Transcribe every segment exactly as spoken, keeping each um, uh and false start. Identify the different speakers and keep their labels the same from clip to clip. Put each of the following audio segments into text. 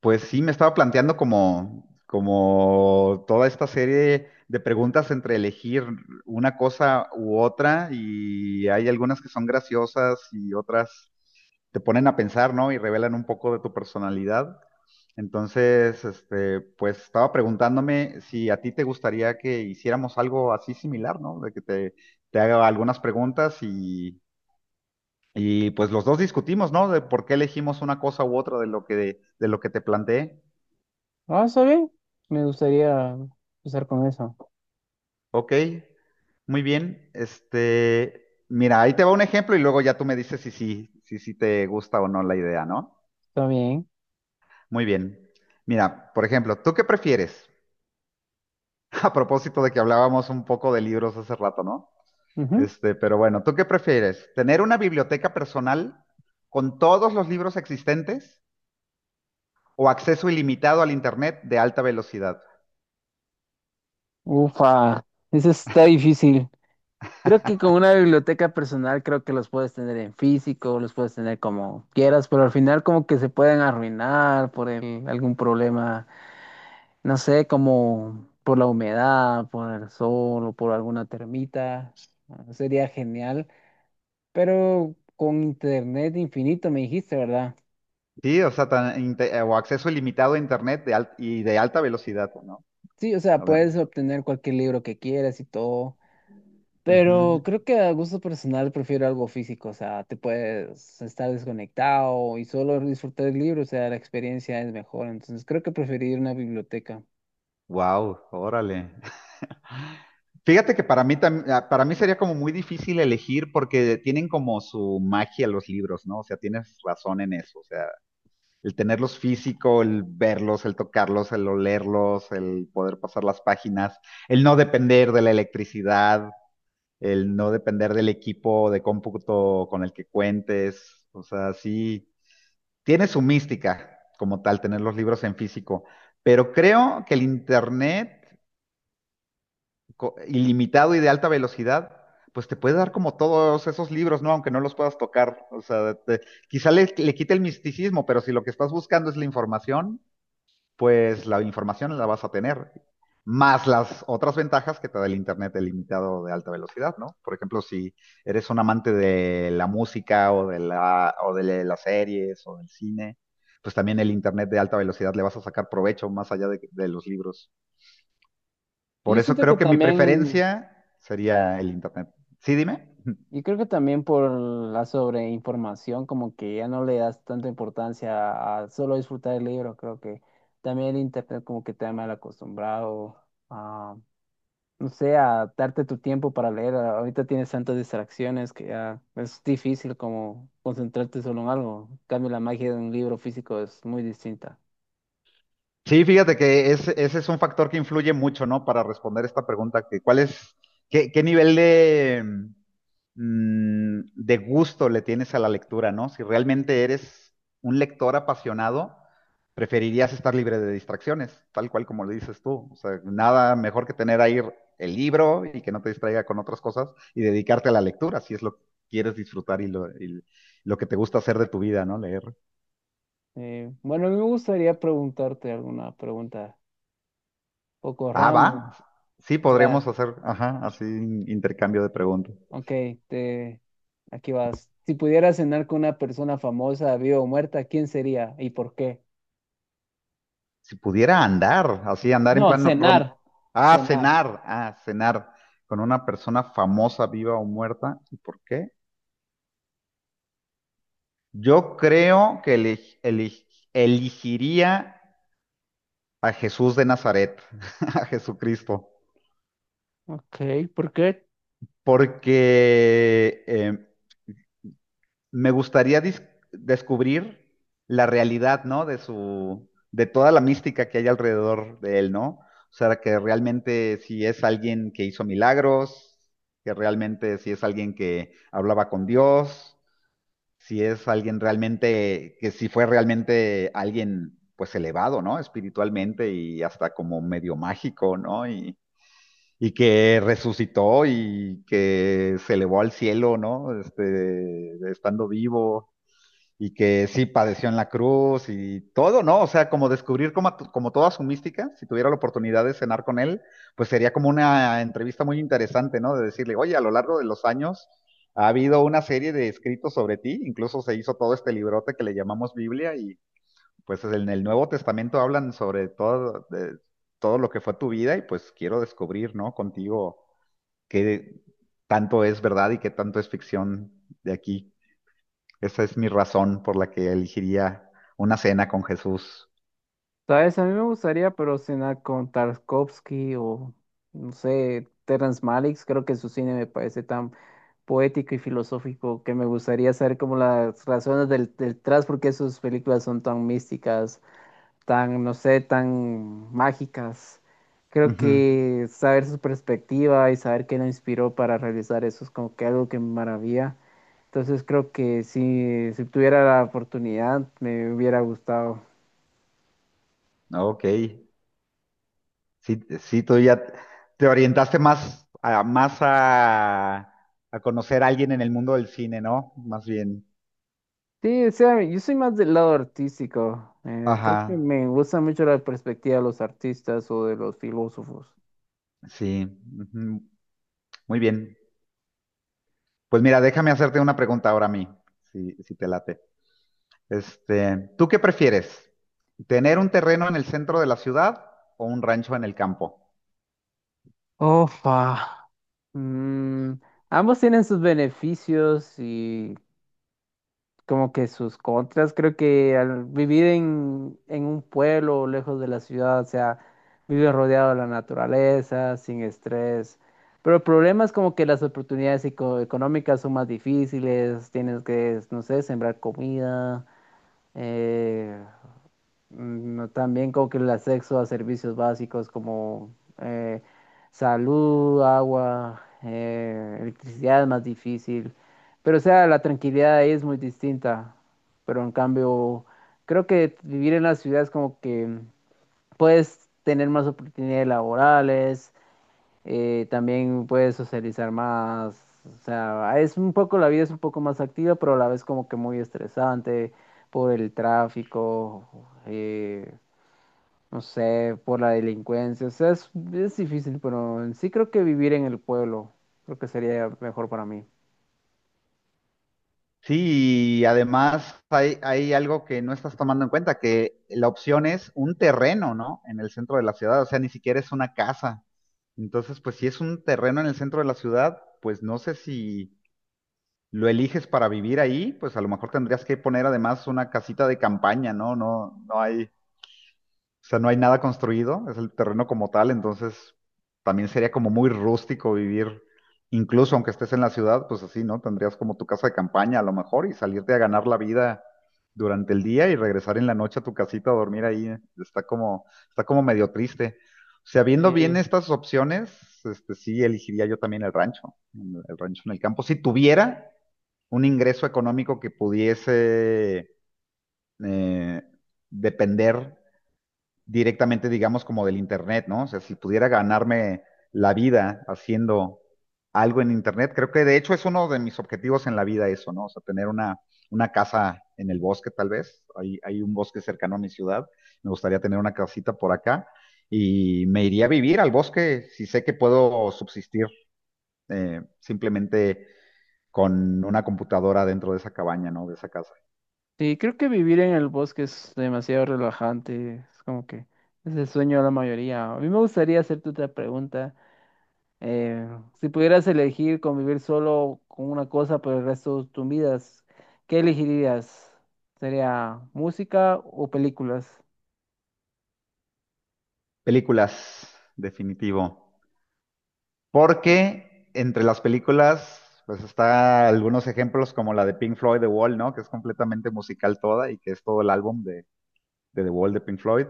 Speaker 1: Pues sí, me estaba planteando como, como toda esta serie de preguntas entre elegir una cosa u otra, y hay algunas que son graciosas y otras te ponen a pensar, ¿no? Y revelan un poco de tu personalidad. Entonces, este, pues estaba preguntándome si a ti te gustaría que hiciéramos algo así similar, ¿no? De que te, te haga algunas preguntas, y, y pues los dos discutimos, ¿no? De por qué elegimos una cosa u otra de lo que, de lo que te planteé.
Speaker 2: Ah, está bien. Me gustaría empezar con eso.
Speaker 1: Ok, muy bien. Este, mira, ahí te va un ejemplo y luego ya tú me dices si sí, si sí te gusta o no la idea, ¿no?
Speaker 2: Está bien.
Speaker 1: Muy bien. Mira, por ejemplo, ¿tú qué prefieres? A propósito de que hablábamos un poco de libros hace rato, ¿no?
Speaker 2: Ujú.
Speaker 1: Este, pero bueno, ¿tú qué prefieres? ¿Tener una biblioteca personal con todos los libros existentes o acceso ilimitado al Internet de alta velocidad?
Speaker 2: Ufa, eso está difícil. Creo que con una biblioteca personal creo que los puedes tener en físico, los puedes tener como quieras, pero al final como que se pueden arruinar por el- algún problema, no sé, como por la humedad, por el sol o por alguna termita. Ah, sería genial, pero con internet infinito me dijiste, ¿verdad?
Speaker 1: Sí, o sea, tan inte- o acceso ilimitado a Internet de al- y de alta velocidad, ¿no?
Speaker 2: Sí, o sea,
Speaker 1: A ver,
Speaker 2: puedes obtener cualquier libro que quieras y todo.
Speaker 1: ujú.
Speaker 2: Pero creo que a gusto personal prefiero algo físico, o sea, te puedes estar desconectado y solo disfrutar del libro, o sea, la experiencia es mejor, entonces creo que preferiría una biblioteca.
Speaker 1: Wow, órale. Fíjate que para mí tam- ah, para mí sería como muy difícil elegir porque tienen como su magia los libros, ¿no? O sea, tienes razón en eso. O sea, el tenerlos físico, el verlos, el tocarlos, el olerlos, el poder pasar las páginas, el no depender de la electricidad, el no depender del equipo de cómputo con el que cuentes. O sea, sí, tiene su mística como tal tener los libros en físico. Pero creo que el internet co- ilimitado y de alta velocidad, pues te puede dar como todos esos libros, ¿no? Aunque no los puedas tocar. O sea, te- quizá le, le quite el misticismo, pero si lo que estás buscando es la información, pues la información la vas a tener. Más las otras ventajas que te da el Internet ilimitado de alta velocidad, ¿no? Por ejemplo, si eres un amante de la música o de la, o de las series o del cine, pues también el Internet de alta velocidad le vas a sacar provecho más allá de de los libros.
Speaker 2: Y
Speaker 1: Por
Speaker 2: yo
Speaker 1: eso
Speaker 2: siento que
Speaker 1: creo que mi
Speaker 2: también,
Speaker 1: preferencia sería el internet. Sí, dime.
Speaker 2: y creo que también por la sobreinformación, como que ya no le das tanta importancia a solo disfrutar el libro, creo que también el internet como que te ha mal acostumbrado, no sé, a darte tu tiempo para leer. A- Ahorita tienes tantas distracciones que ya es difícil como concentrarte solo en algo. En cambio, la magia de un libro físico es muy distinta.
Speaker 1: Sí, fíjate que es- ese es un factor que influye mucho, ¿no? Para responder esta pregunta, que cuál es, qué, qué nivel de, mm, de gusto le tienes a la lectura, ¿no? Si realmente eres un lector apasionado, preferirías estar libre de distracciones, tal cual como lo dices tú. O sea, nada mejor que tener ahí el libro y que no te distraiga con otras cosas y dedicarte a la lectura, si es lo que quieres disfrutar y lo, y lo que te gusta hacer de tu vida, ¿no? Leer.
Speaker 2: Eh, bueno, a mí me gustaría preguntarte alguna pregunta poco
Speaker 1: Ah,
Speaker 2: random.
Speaker 1: va. Sí,
Speaker 2: O sea,
Speaker 1: podríamos hacer, ajá, así intercambio de preguntas.
Speaker 2: ok, te, aquí vas. Si pudieras cenar con una persona famosa, viva o muerta, ¿quién sería y por qué?
Speaker 1: Si pudiera andar, así andar en
Speaker 2: No,
Speaker 1: plan rom-
Speaker 2: cenar,
Speaker 1: ah,
Speaker 2: cenar.
Speaker 1: cenar, ah, cenar con una persona famosa, viva o muerta, ¿y por qué? Yo creo que eli- eli- elegiría a Jesús de Nazaret, a Jesucristo,
Speaker 2: Ok, ¿por qué?
Speaker 1: porque eh, me gustaría dis- descubrir la realidad, ¿no? De su, de toda la mística que hay alrededor de él, ¿no? O sea, que realmente si es alguien que hizo milagros, que realmente si es alguien que hablaba con Dios, si es alguien realmente, que si fue realmente alguien, pues elevado, ¿no? Espiritualmente y hasta como medio mágico, ¿no? Y, y que resucitó y que se elevó al cielo, ¿no? Este, estando vivo y que sí padeció en la cruz y todo, ¿no? O sea, como descubrir como, como toda su mística, si tuviera la oportunidad de cenar con él, pues sería como una entrevista muy interesante, ¿no? De decirle, oye, a lo largo de los años ha habido una serie de escritos sobre ti, incluso se hizo todo este librote que le llamamos Biblia, y pues en el Nuevo Testamento hablan sobre todo, de, todo lo que fue tu vida, y pues quiero descubrir, ¿no? Contigo qué tanto es verdad y qué tanto es ficción de aquí. Esa es mi razón por la que elegiría una cena con Jesús.
Speaker 2: ¿Sabes? A mí me gustaría, pero cenar con Tarkovsky o, no sé, Terrence Malick. Creo que su cine me parece tan poético y filosófico que me gustaría saber como las razones del, detrás, porque sus películas son tan místicas, tan, no sé, tan mágicas. Creo
Speaker 1: Ujú.
Speaker 2: que saber su perspectiva y saber qué lo inspiró para realizar eso es como que algo que me maravilla. Entonces creo que si, si tuviera la oportunidad, me hubiera gustado.
Speaker 1: Ok, sí, sí, tú ya te orientaste más a, más a, a conocer a alguien en el mundo del cine, ¿no? Más bien.
Speaker 2: Sí, o sea, yo soy más del lado artístico. Eh, creo
Speaker 1: Ajá,
Speaker 2: que me gusta mucho la perspectiva de los artistas o de los filósofos.
Speaker 1: sí. Ujú, muy bien. Pues mira, déjame hacerte una pregunta ahora a mí, si, si te late. Este, ¿tú qué prefieres? ¿Tener un terreno en el centro de la ciudad o un rancho en el campo?
Speaker 2: Ofa. Mm, ambos tienen sus beneficios y como que sus contras. Creo que al vivir en, en un pueblo lejos de la ciudad, o sea, vives rodeado de la naturaleza, sin estrés. Pero el problema es como que las oportunidades eco- económicas son más difíciles, tienes que, no sé, sembrar comida. Eh, mm, no, también como que el acceso a servicios básicos como eh, salud, agua, eh, electricidad es más difícil. Pero o sea, la tranquilidad ahí es muy distinta. Pero en cambio, creo que vivir en la ciudad es como que puedes tener más oportunidades laborales, eh, también puedes socializar más. O sea, es un poco, la vida es un poco más activa, pero a la vez como que muy estresante por el tráfico, eh, no sé, por la delincuencia. O sea, es, es difícil, pero en sí creo que vivir en el pueblo, creo que sería mejor para mí.
Speaker 1: Sí, y además hay, hay algo que no estás tomando en cuenta, que la opción es un terreno, ¿no? En el centro de la ciudad, o sea, ni siquiera es una casa. Entonces, pues si es un terreno en el centro de la ciudad, pues no sé si lo eliges para vivir ahí, pues a lo mejor tendrías que poner además una casita de campaña, ¿no? No, no hay o sea, no hay nada construido, es el terreno como tal, entonces también sería como muy rústico vivir, incluso aunque estés en la ciudad, pues así, ¿no? Tendrías como tu casa de campaña a lo mejor y salirte a ganar la vida durante el día y regresar en la noche a tu casita a dormir ahí. Está como, está como medio triste. O sea, viendo bien
Speaker 2: Eh,
Speaker 1: estas opciones, este, sí elegiría yo también el rancho, el rancho en el campo. Si tuviera un ingreso económico que pudiese eh, depender directamente, digamos, como del Internet, ¿no? O sea, si pudiera ganarme la vida haciendo algo en Internet, creo que de hecho es uno de mis objetivos en la vida eso, ¿no? O sea, tener una, una casa en el bosque tal vez, hay, hay un bosque cercano a mi ciudad, me gustaría tener una casita por acá y me iría a vivir al bosque si sé que puedo subsistir eh, simplemente con una computadora dentro de esa cabaña, ¿no? De esa casa.
Speaker 2: sí, creo que vivir en el bosque es demasiado relajante, es como que es el sueño de la mayoría. A mí me gustaría hacerte otra pregunta. Eh, si pudieras elegir convivir solo con una cosa por el resto de tus vidas, ¿qué elegirías? ¿Sería música o películas?
Speaker 1: Películas, definitivo. Porque entre las películas, pues está algunos ejemplos como la de Pink Floyd, The Wall, ¿no? Que es completamente musical toda y que es todo el álbum de, de The Wall de Pink Floyd.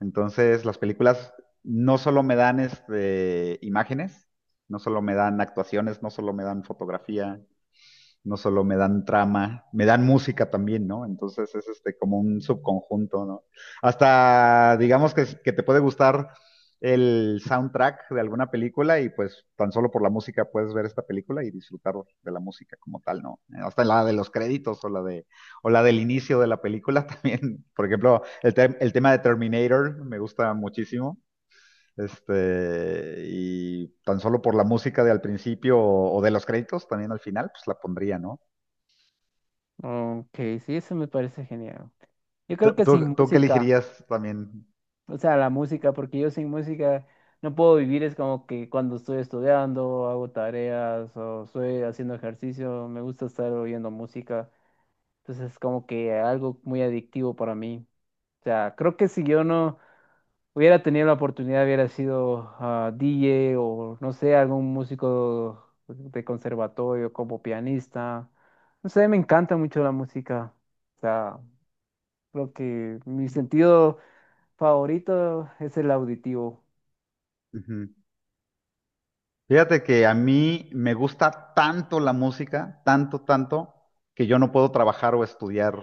Speaker 1: Entonces, las películas no solo me dan este, imágenes, no solo me dan actuaciones, no solo me dan fotografía, no solo me dan trama, me dan música también, ¿no? Entonces es este como un subconjunto, ¿no? Hasta digamos que, que te puede gustar el soundtrack de alguna película y pues tan solo por la música puedes ver esta película y disfrutar de la música como tal, ¿no? Hasta la de los créditos o la de o la del inicio de la película también. Por ejemplo, el, te el tema de Terminator me gusta muchísimo. Este, y tan solo por la música de al principio o, o, de los créditos también al final, pues la pondría, ¿no?
Speaker 2: Ok, sí, eso me parece genial. Yo creo
Speaker 1: ¿Tú,
Speaker 2: que sin
Speaker 1: tú, tú qué
Speaker 2: música,
Speaker 1: elegirías también?
Speaker 2: o sea, la música, porque yo sin música no puedo vivir, es como que cuando estoy estudiando, hago tareas o estoy haciendo ejercicio, me gusta estar oyendo música, entonces es como que algo muy adictivo para mí. O sea, creo que si yo no... hubiera tenido la oportunidad, hubiera sido ah, D J o no sé, algún músico de conservatorio como pianista. No sé, me encanta mucho la música. O sea, creo que mi sentido favorito es el auditivo.
Speaker 1: Ujú. Fíjate que a mí me gusta tanto la música, tanto, tanto, que yo no puedo trabajar o estudiar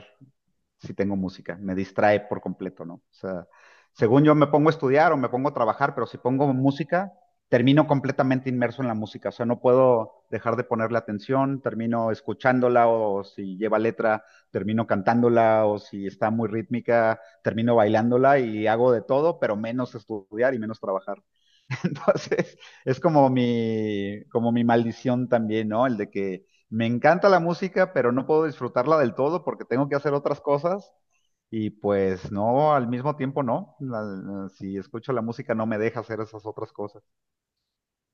Speaker 1: si tengo música. Me distrae por completo, ¿no? O sea, según yo me pongo a estudiar o me pongo a trabajar, pero si pongo música, termino completamente inmerso en la música. O sea, no puedo dejar de ponerle atención, termino escuchándola o si lleva letra, termino cantándola o si está muy rítmica, termino bailándola y hago de todo, pero menos estudiar y menos trabajar. Entonces, es como mi, como mi maldición también, ¿no? El de que me encanta la música, pero no puedo disfrutarla del todo porque tengo que hacer otras cosas. Y pues no, al mismo tiempo no. La- la- si escucho la música no me deja hacer esas otras cosas.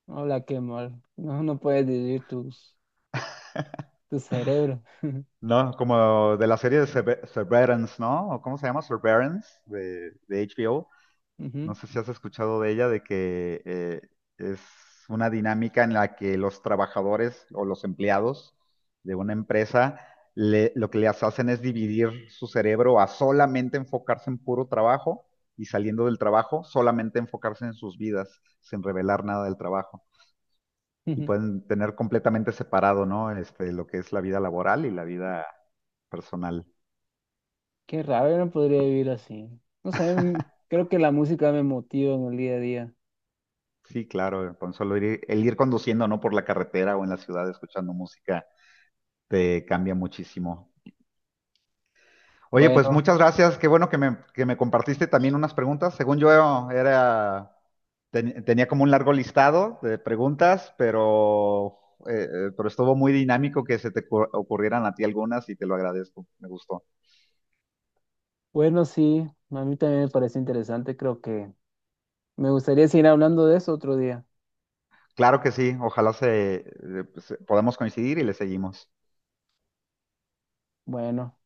Speaker 2: Hola, qué mal. No, no puedes vivir tus, tu cerebro.
Speaker 1: No, como de la serie de Sever- Severance, ¿no? ¿O ¿Cómo se llama? Severance de, de H B O. No
Speaker 2: Ujú,
Speaker 1: sé si has escuchado de ella, de que eh, es una dinámica en la que los trabajadores o los empleados de una empresa le- lo que les hacen es dividir su cerebro a solamente enfocarse en puro trabajo, y saliendo del trabajo, solamente enfocarse en sus vidas, sin revelar nada del trabajo. Y
Speaker 2: ujú.
Speaker 1: pueden tener completamente separado, ¿no? Este, lo que es la vida laboral y la vida personal.
Speaker 2: Qué raro, yo no podría vivir así. No sé, m- creo que la música me motiva en el día a día.
Speaker 1: Sí, claro, con solo ir, el ir conduciendo, ¿no? Por la carretera o en la ciudad escuchando música te cambia muchísimo. Oye, pues
Speaker 2: Bueno,
Speaker 1: muchas gracias. Qué bueno que me, que me compartiste también unas preguntas. Según yo era, ten- tenía como un largo listado de preguntas, pero, eh, eh, pero estuvo muy dinámico que se te ocur- ocurrieran a ti algunas y te lo agradezco. Me gustó.
Speaker 2: bueno, sí, a mí también me parece interesante, creo que me gustaría seguir hablando de eso otro día.
Speaker 1: Claro que sí. Ojalá se, eh, pues, podamos coincidir y le seguimos.
Speaker 2: Bueno.